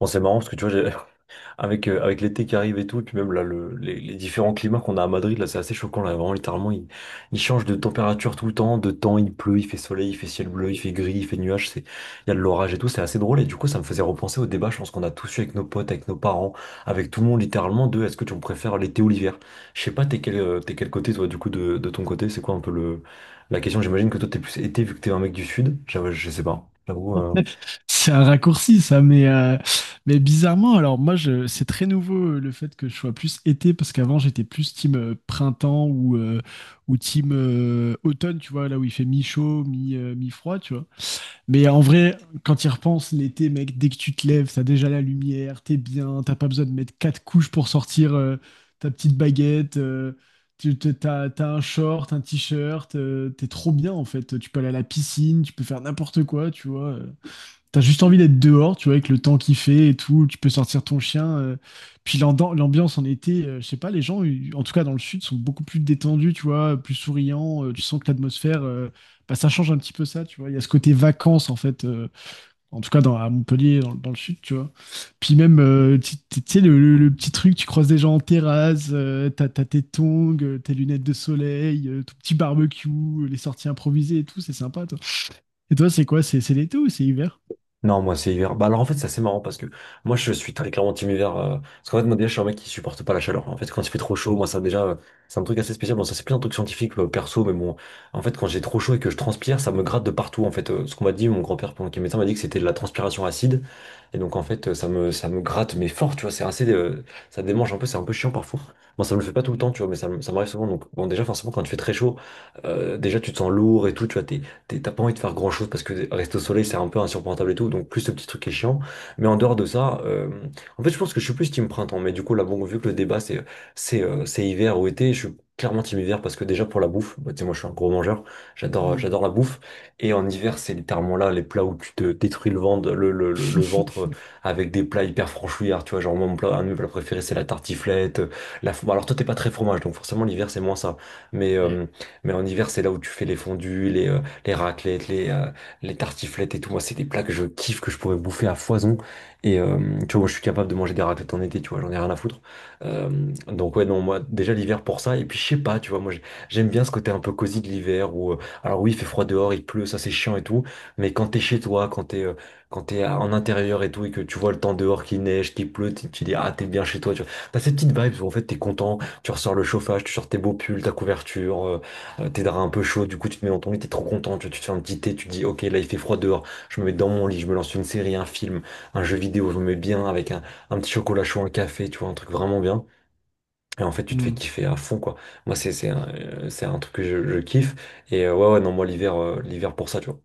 Bon, c'est marrant parce que tu vois, j'ai- avec, avec l'été qui arrive et tout, et puis même là, les différents climats qu'on a à Madrid, là, c'est assez choquant. Là, vraiment, littéralement, il change de température tout le temps, de temps, il pleut, il fait soleil, il fait ciel bleu, il fait gris, il fait nuage, il y a de l'orage et tout, c'est assez drôle. Et du coup, ça me faisait repenser au débat, je pense qu'on a tous eu avec nos potes, avec nos parents, avec tout le monde, littéralement, de est-ce que tu préfères l'été ou l'hiver? Je sais pas, t'es quel côté, toi, du coup, de ton côté, c'est quoi un peu la question? J'imagine que toi, t'es plus été vu que t'es un mec du sud. J'avoue, je sais pas, j'avoue. C'est un raccourci, ça, mais bizarrement, alors moi, c'est très nouveau le fait que je sois plus été, parce qu'avant, j'étais plus team printemps ou team automne, tu vois, là où il fait mi-chaud, mi-froid, tu vois. Mais en vrai, quand y repenses, l'été, mec, dès que tu te lèves, t'as déjà la lumière, t'es bien, t'as pas besoin de mettre quatre couches pour sortir ta petite baguette, t'as un short, un t-shirt, t'es trop bien, en fait. Tu peux aller à la piscine, tu peux faire n'importe quoi, tu vois. T'as juste envie d'être dehors, tu vois, avec le temps qu'il fait et tout, tu peux sortir ton chien. Puis l'ambiance en été, je sais pas, les gens, en tout cas dans le sud, sont beaucoup plus détendus, tu vois, plus souriants. Tu sens que l'atmosphère, bah, ça change un petit peu ça, tu vois. Il y a ce côté vacances, en fait, en tout cas à Montpellier, dans le sud, tu vois. Puis même, tu sais, le petit truc, tu croises des gens en terrasse, t'as tes tongs, tes lunettes de soleil, ton petit barbecue, les sorties improvisées et tout, c'est sympa, toi. Et toi, c'est quoi? C'est l'été ou c'est hiver? Non, moi c'est hiver. Bah alors en fait c'est assez marrant parce que moi je suis très clairement team hiver. Parce qu'en fait moi déjà je suis un mec qui supporte pas la chaleur. En fait quand il fait trop chaud, moi ça déjà c'est un truc assez spécial. Bon ça c'est plus un truc scientifique, perso, mais bon en fait quand j'ai trop chaud et que je transpire, ça me gratte de partout. En fait Ce qu'on m'a dit, mon grand-père pendant qu'il est médecin m'a dit que c'était de la transpiration acide. Et donc en fait ça me gratte mais fort, tu vois. C'est assez Ça démange un peu, c'est un peu chiant parfois. Bon ça me le fait pas tout le temps, tu vois, mais ça m'arrive souvent. Donc bon déjà forcément quand tu fais très chaud, déjà tu te sens lourd et tout, tu vois, t'as pas envie de faire grand chose parce que rester au soleil c'est un peu insupportable et tout, donc plus ce petit truc qui est chiant. Mais en dehors de ça, en fait je pense que je suis plus team printemps, mais du coup là bon vu que le débat c'est hiver ou été, je suis clairement team hiver parce que déjà pour la bouffe, bah, tu sais moi je suis un gros mangeur, j'adore Hmm. j'adore la bouffe et en hiver c'est littéralement là les plats où tu te détruis le ventre, le ventre avec des plats hyper franchouillards, tu vois genre mon plat un de mes plats préférés c'est la tartiflette, la bon alors toi t'es pas très fromage donc forcément l'hiver c'est moins ça, mais Ouais. euh, mais en hiver c'est là où tu fais les fondus, les raclettes, les tartiflettes et tout. Moi, c'est des plats que je kiffe, que je pourrais bouffer à foison. Et euh, Tu vois, moi, je suis capable de manger des raclettes en été, tu vois, j'en ai rien à foutre. Euh, donc, ouais, non, moi, déjà l'hiver pour ça. Et puis, je sais pas, tu vois, moi, j'aime bien ce côté un peu cosy de l'hiver où, alors oui, il fait froid dehors, il pleut, ça c'est chiant et tout. Mais quand t'es chez toi, quand en intérieur et tout, et que tu vois le temps dehors qui neige, qui pleut, tu dis, ah, t'es bien chez toi, tu vois. T'as ces petites vibes où en fait t'es content, tu ressors le chauffage, tu sors tes beaux pulls, ta couverture. T'es un peu chaud, du coup tu te mets dans ton lit, t'es trop content, tu te fais un petit thé, tu te dis ok là il fait froid dehors, je me mets dans mon lit, je me lance une série, un film, un jeu vidéo, je me mets bien avec un petit chocolat chaud, un café, tu vois, un truc vraiment bien. Et en fait tu te fais Hmm. kiffer à fond quoi. Moi c'est un truc que je kiffe. Ouais ouais non moi l'hiver pour ça tu vois.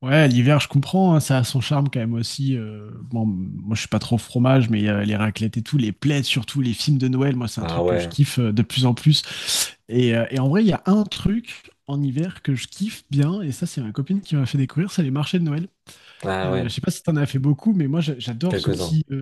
Ouais, l'hiver, je comprends, hein, ça a son charme quand même aussi. Bon, moi, je suis pas trop fromage, mais les raclettes et tout, les plaids, surtout les films de Noël, moi, c'est un Bah truc que je ouais, kiffe de plus en plus. Et en vrai, il y a un truc en hiver que je kiffe bien, et ça, c'est ma copine qui m'a fait découvrir, c'est les marchés de Noël. ah Je ouais, sais pas si t'en as fait beaucoup, mais moi, j'adore quelques-uns.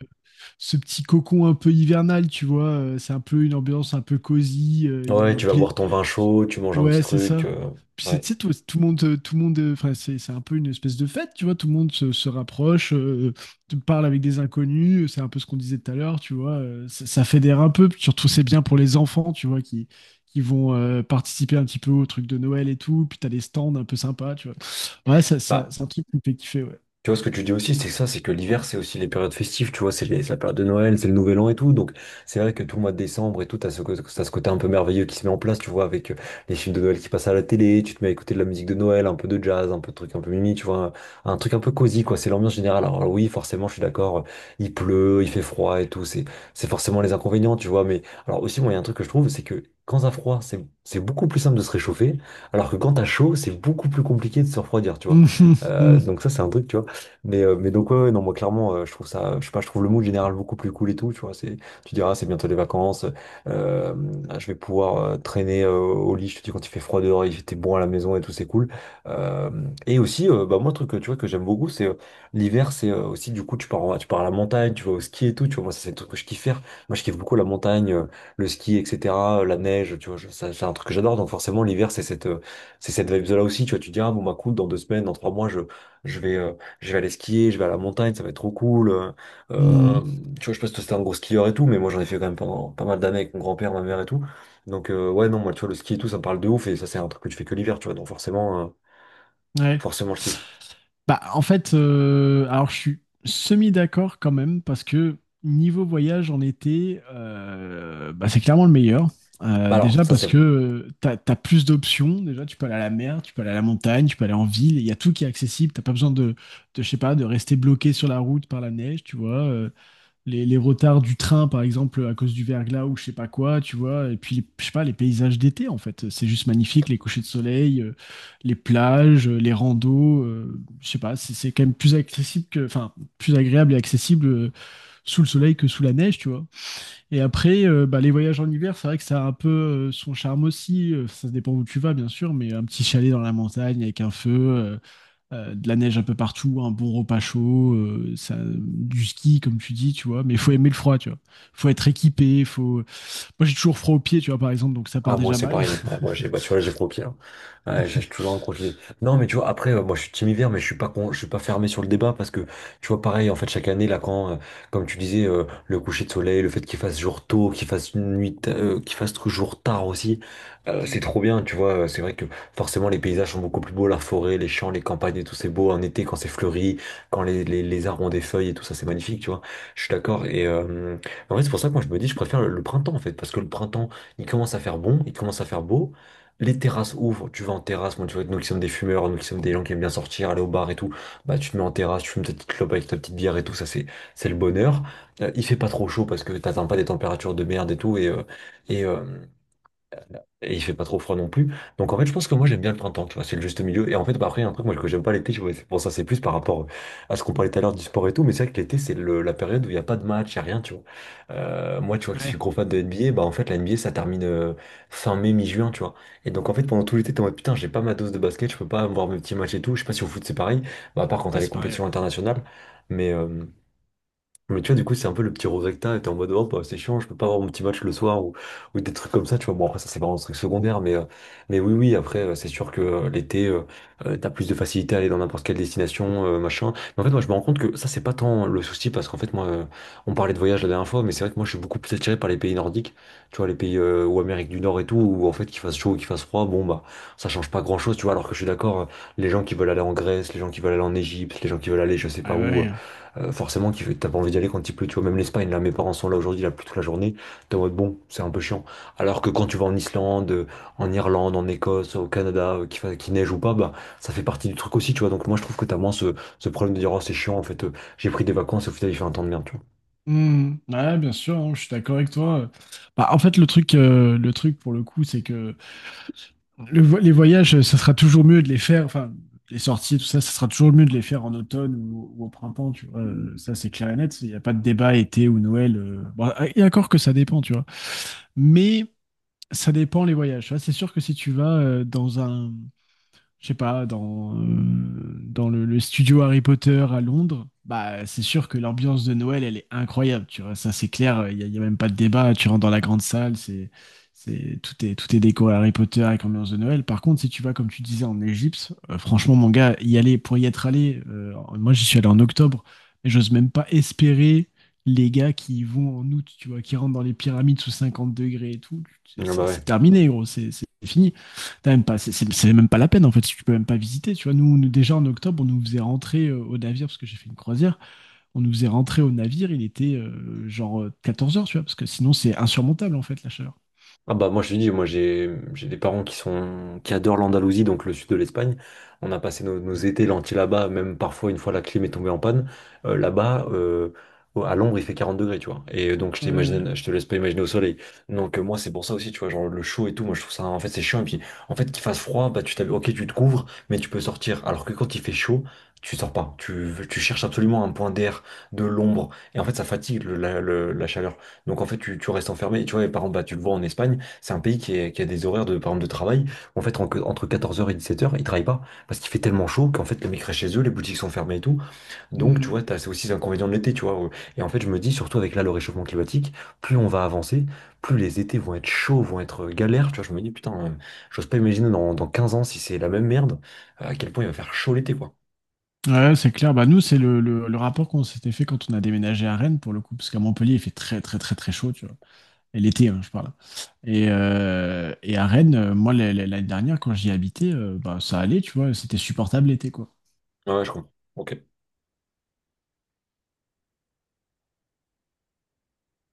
ce petit cocon un peu hivernal, tu vois. C'est un peu une ambiance un peu cosy, il y a Ouais un tu vas plaisir. boire ton vin chaud, tu manges un petit Ouais, c'est truc, ça. euh, Puis c'est, Ouais. tu sais, tout le monde, enfin, c'est un peu une espèce de fête, tu vois. Tout le monde se rapproche, te parle avec des inconnus. C'est un peu ce qu'on disait tout à l'heure, tu vois. Ça fédère un peu. Puis surtout, c'est bien pour les enfants, tu vois, qui vont participer un petit peu au truc de Noël et tout. Puis t'as des stands un peu sympas, tu vois. Ouais, ça, Bah, c'est un truc qui me fait kiffer, ouais. Tu vois, ce que tu dis aussi, c'est ça, c'est que l'hiver, c'est aussi les périodes festives, tu vois, c'est la période de Noël, c'est le Nouvel An et tout. Donc, c'est vrai que tout le mois de décembre et tout, t'as ce côté un peu merveilleux qui se met en place, tu vois, avec les films de Noël qui passent à la télé, tu te mets à écouter de la musique de Noël, un peu de jazz, un peu de trucs un peu mimi, tu vois, un truc un peu cosy, quoi, c'est l'ambiance générale. Alors, oui, forcément, je suis d'accord, il pleut, il fait froid et tout, c'est forcément les inconvénients, tu vois, mais alors aussi, moi, il y a un truc que je trouve, c'est que quand t'as froid, c'est beaucoup plus simple de se réchauffer, alors que quand t'as chaud, c'est beaucoup plus compliqué de se refroidir, tu vois. Mhm, mhm, Donc ça, c'est un truc, tu vois. Mais donc, ouais, ouais, non, moi, clairement, je trouve ça, je sais pas, je trouve le mood général beaucoup plus cool et tout, tu vois. C'est, tu diras, c'est bientôt les vacances, euh, je vais pouvoir traîner au lit, je te dis, quand il fait froid dehors, il fait bon à la maison et tout, c'est cool. Euh, et aussi, bah, moi, un truc, tu vois, que j'aime beaucoup, c'est l'hiver, c'est aussi, du coup, tu pars à la montagne, tu vas au ski et tout, tu vois. Moi, ça, c'est le truc que je kiffe faire. Moi, je kiffe beaucoup la montagne, le ski, etc., la neige, tu vois, ça, c'est un truc que j'adore. Donc, forcément, l'hiver, c'est cette vibe-là aussi, tu vois. Tu dis, ah, bon, bah, cool, dans deux semaines, dans trois mois, je vais. euh, je vais aller skier, je vais à la montagne, ça va être trop cool. Euh, mhm. tu vois, je sais pas si toi c'était un gros skieur et tout, mais moi j'en ai fait quand même pendant pas mal d'années avec mon grand-père, ma mère et tout. Ouais, non, moi tu vois, le ski et tout, ça me parle de ouf, et ça c'est un truc que tu fais que l'hiver, tu vois, donc Ouais. forcément je kiffe. Bah, en fait, alors je suis semi-d'accord quand même, parce que niveau voyage en été, bah, c'est clairement le meilleur. Euh, Bah, Alors, déjà ça parce c'est que tu as, plus d'options. Déjà, tu peux aller à la mer, tu peux aller à la montagne, tu peux aller en ville. Il y a tout qui est accessible. T'as pas besoin je sais pas, de rester bloqué sur la route par la neige, tu vois. Les retards du train, par exemple, à cause du verglas ou je sais pas quoi, tu vois. Et puis, je sais pas, les paysages d'été, en fait. C'est juste magnifique, les couchers de soleil, les plages, les randos. Je sais pas, c'est quand même plus accessible que, enfin, plus agréable et accessible sous le soleil que sous la neige, tu vois. Et après, bah, les voyages en hiver, c'est vrai que ça a un peu son charme aussi. Ça dépend où tu vas, bien sûr, mais un petit chalet dans la montagne avec un feu, de la neige un peu partout, un bon repas chaud, ça, du ski comme tu dis, tu vois. Mais il faut aimer le froid, tu vois. Faut être équipé, faut. Moi j'ai toujours froid aux pieds, tu vois par exemple, donc ça part Ah, moi, déjà c'est mal. pareil. Ah, moi, j'ai, bah, tu vois, j'ai trop pire. Ouais, j'ai toujours un projet. Non, mais tu vois, après, moi, je suis team hiver, mais je suis pas con, je suis pas fermé sur le débat parce que, tu vois, pareil, en fait, chaque année, là, comme tu disais, le coucher de soleil, le fait qu'il fasse jour tôt, qu'il fasse une nuit, ta- qu'il fasse jour tard aussi, c'est Mm. trop bien, tu vois. Euh, c'est vrai que, forcément, les paysages sont beaucoup plus beaux, la forêt, les champs, les campagnes et tout, c'est beau en été quand c'est fleuri, quand les arbres ont des feuilles et tout ça, c'est magnifique, tu vois. Je suis d'accord. Et, en vrai, c'est pour ça que moi, je me dis, je préfère le printemps, en fait, parce que le printemps, il commence à faire bon, il commence à faire beau. Les terrasses ouvrent, tu vas en terrasse. Moi, tu vois, nous qui sommes des fumeurs, nous qui sommes des gens qui aiment bien sortir, aller au bar et tout, bah tu te mets en terrasse, tu fumes ta petite clope avec ta petite bière et tout, ça c'est le bonheur. Il fait pas trop chaud parce que t'atteins pas des températures de merde et tout, et, euh, et il fait pas trop froid non plus. Donc en fait, je pense que moi j'aime bien le printemps, tu vois, c'est le juste milieu. Et en fait, bah, après, il y a un truc moi que j'aime pas l'été, tu vois, c'est pour ça, c'est plus par rapport à ce qu'on parlait tout à l'heure du sport et tout, mais c'est vrai que l'été, c'est la période où il n'y a pas de match, il n'y a rien, tu vois. Moi, tu vois, que je suis Ouais, gros fan de NBA, bah en fait, la NBA, ça termine fin mai, mi-juin, tu vois. Et donc en fait, pendant tout l'été, t'es en mode putain, j'ai pas ma dose de basket, je peux pas voir mes petits matchs et tout. Je sais pas si au foot c'est pareil, bah, à part quand t'as ouais, les c'est pareil. compétitions internationales, mais. euh, mais tu vois, du coup, c'est un peu le petit regret que t'as, et t'es en mode, oh, bah, c'est chiant, je peux pas avoir mon petit match le soir ou des trucs comme ça, tu vois. Bon, après, ça, c'est vraiment un truc secondaire, mais oui, oui, après, c'est sûr que l'été, t'as plus de facilité à aller dans n'importe quelle destination, machin. Mais en fait, moi, je me rends compte que ça, c'est pas tant le souci, parce qu'en fait, moi, on parlait de voyage la dernière fois, mais c'est vrai que moi, je suis beaucoup plus attiré par les pays nordiques, tu vois, les pays, ou Amérique du Nord et tout, où en fait, qu'il fasse chaud ou qu'il fasse froid, bon, bah, ça change pas grand-chose, tu vois, alors que je suis d'accord, les gens qui veulent aller en Grèce, les gens qui veulent aller en Égypte, les gens qui veulent aller, je sais Ouais, pas ouais. où. Ouais. Forcément, t'as pas envie d'y aller quand il pleut, tu vois. Même l'Espagne, là, mes parents sont là aujourd'hui, là, plus toute la journée. T'es en mode, bon, c'est un peu chiant. Alors que quand tu vas en Islande, en Irlande, en Écosse, au Canada, qu'il neige ou pas, bah, ça fait partie du truc aussi, tu vois. Donc, moi, je trouve que t'as moins ce problème de dire, oh, c'est chiant, en fait, j'ai pris des vacances et au final, il fait un temps de merde, tu vois. Mm. Ouais, bien sûr, hein, je suis d'accord avec toi. Bah, en fait, le truc, le truc pour le coup, c'est que les voyages, ça sera toujours mieux de les faire, enfin, les sorties, tout ça, ça sera toujours mieux de les faire en automne ou au printemps, tu vois. Ça, c'est clair et net. Il n'y a pas de débat été ou Noël. Bon, et encore que ça dépend, tu vois. Mais ça dépend les voyages, tu vois. C'est sûr que si tu vas dans un je sais pas, dans le studio Harry Potter à Londres, bah, c'est sûr que l'ambiance de Noël, elle est incroyable, tu vois, ça c'est clair, il n'y a, y a même pas de débat, tu rentres dans la grande salle, c'est, tout est déco Harry Potter avec ambiance de Noël. Par contre, si tu vas, comme tu disais, en Égypte, franchement, mon gars, y aller, pour y être allé, moi j'y suis allé en octobre, mais j'ose même pas espérer les gars qui y vont en août, tu vois, qui rentrent dans les pyramides sous 50 degrés et tout, c'est Ah bah c'est- c'est ouais. terminé, gros, c'est fini. T'as même pas, c'est même pas la peine en fait, si tu peux même pas visiter. Tu vois, nous, déjà en octobre, on nous faisait rentrer au navire parce que j'ai fait une croisière. On nous faisait rentrer au navire, il était 14 heures, tu vois, parce que sinon c'est insurmontable en fait la chaleur. Ah bah moi je te dis, moi j'ai des parents qui adorent l'Andalousie, donc le sud de l'Espagne. On a passé nos étés lentilles là-bas, même parfois une fois la clim est tombée en panne. Là-bas, à l'ombre, il fait 40 degrés, tu vois. Et donc je t'imagine, Ouais. je te laisse pas imaginer au soleil. Donc moi c'est pour ça aussi, tu vois, genre le chaud et tout, moi je trouve ça en fait c'est chiant. Et puis en fait qu'il fasse froid, bah tu t'habilles, ok tu te couvres, mais tu peux sortir. Alors que quand il fait chaud, tu sors pas. Tu cherches absolument un point d'air, de l'ombre. Et en fait ça fatigue la chaleur. Donc en fait tu restes enfermé. Et tu vois, par exemple, bah, tu le vois en Espagne. C'est un pays qui a des horaires de, par exemple, de travail. En fait, entre quatorze heures et dix-sept heures, ils travaillent pas parce qu'il fait tellement chaud qu'en fait, les mecs restent chez eux, les boutiques sont fermées et tout. Donc, tu Mm. vois, t'as, c'est aussi l'inconvénient de l'été, tu vois. Et en fait, je me dis, surtout avec là, le réchauffement climatique, plus on va avancer, plus les étés vont être chauds, vont être galères. Tu vois, je me dis, putain, j'ose pas imaginer dans 15 ans si c'est la même merde, à quel point il va faire chaud l'été, quoi. Ouais, c'est clair. Bah nous, c'est le rapport qu'on s'était fait quand on a déménagé à Rennes pour le coup, parce qu'à Montpellier, il fait très très très très chaud, tu vois. Et l'été, hein, je parle. Et à Rennes, moi, l'année dernière, quand j'y habitais, bah, ça allait, tu vois, c'était supportable l'été, quoi. Ouais, ouais, je comprends. Ok.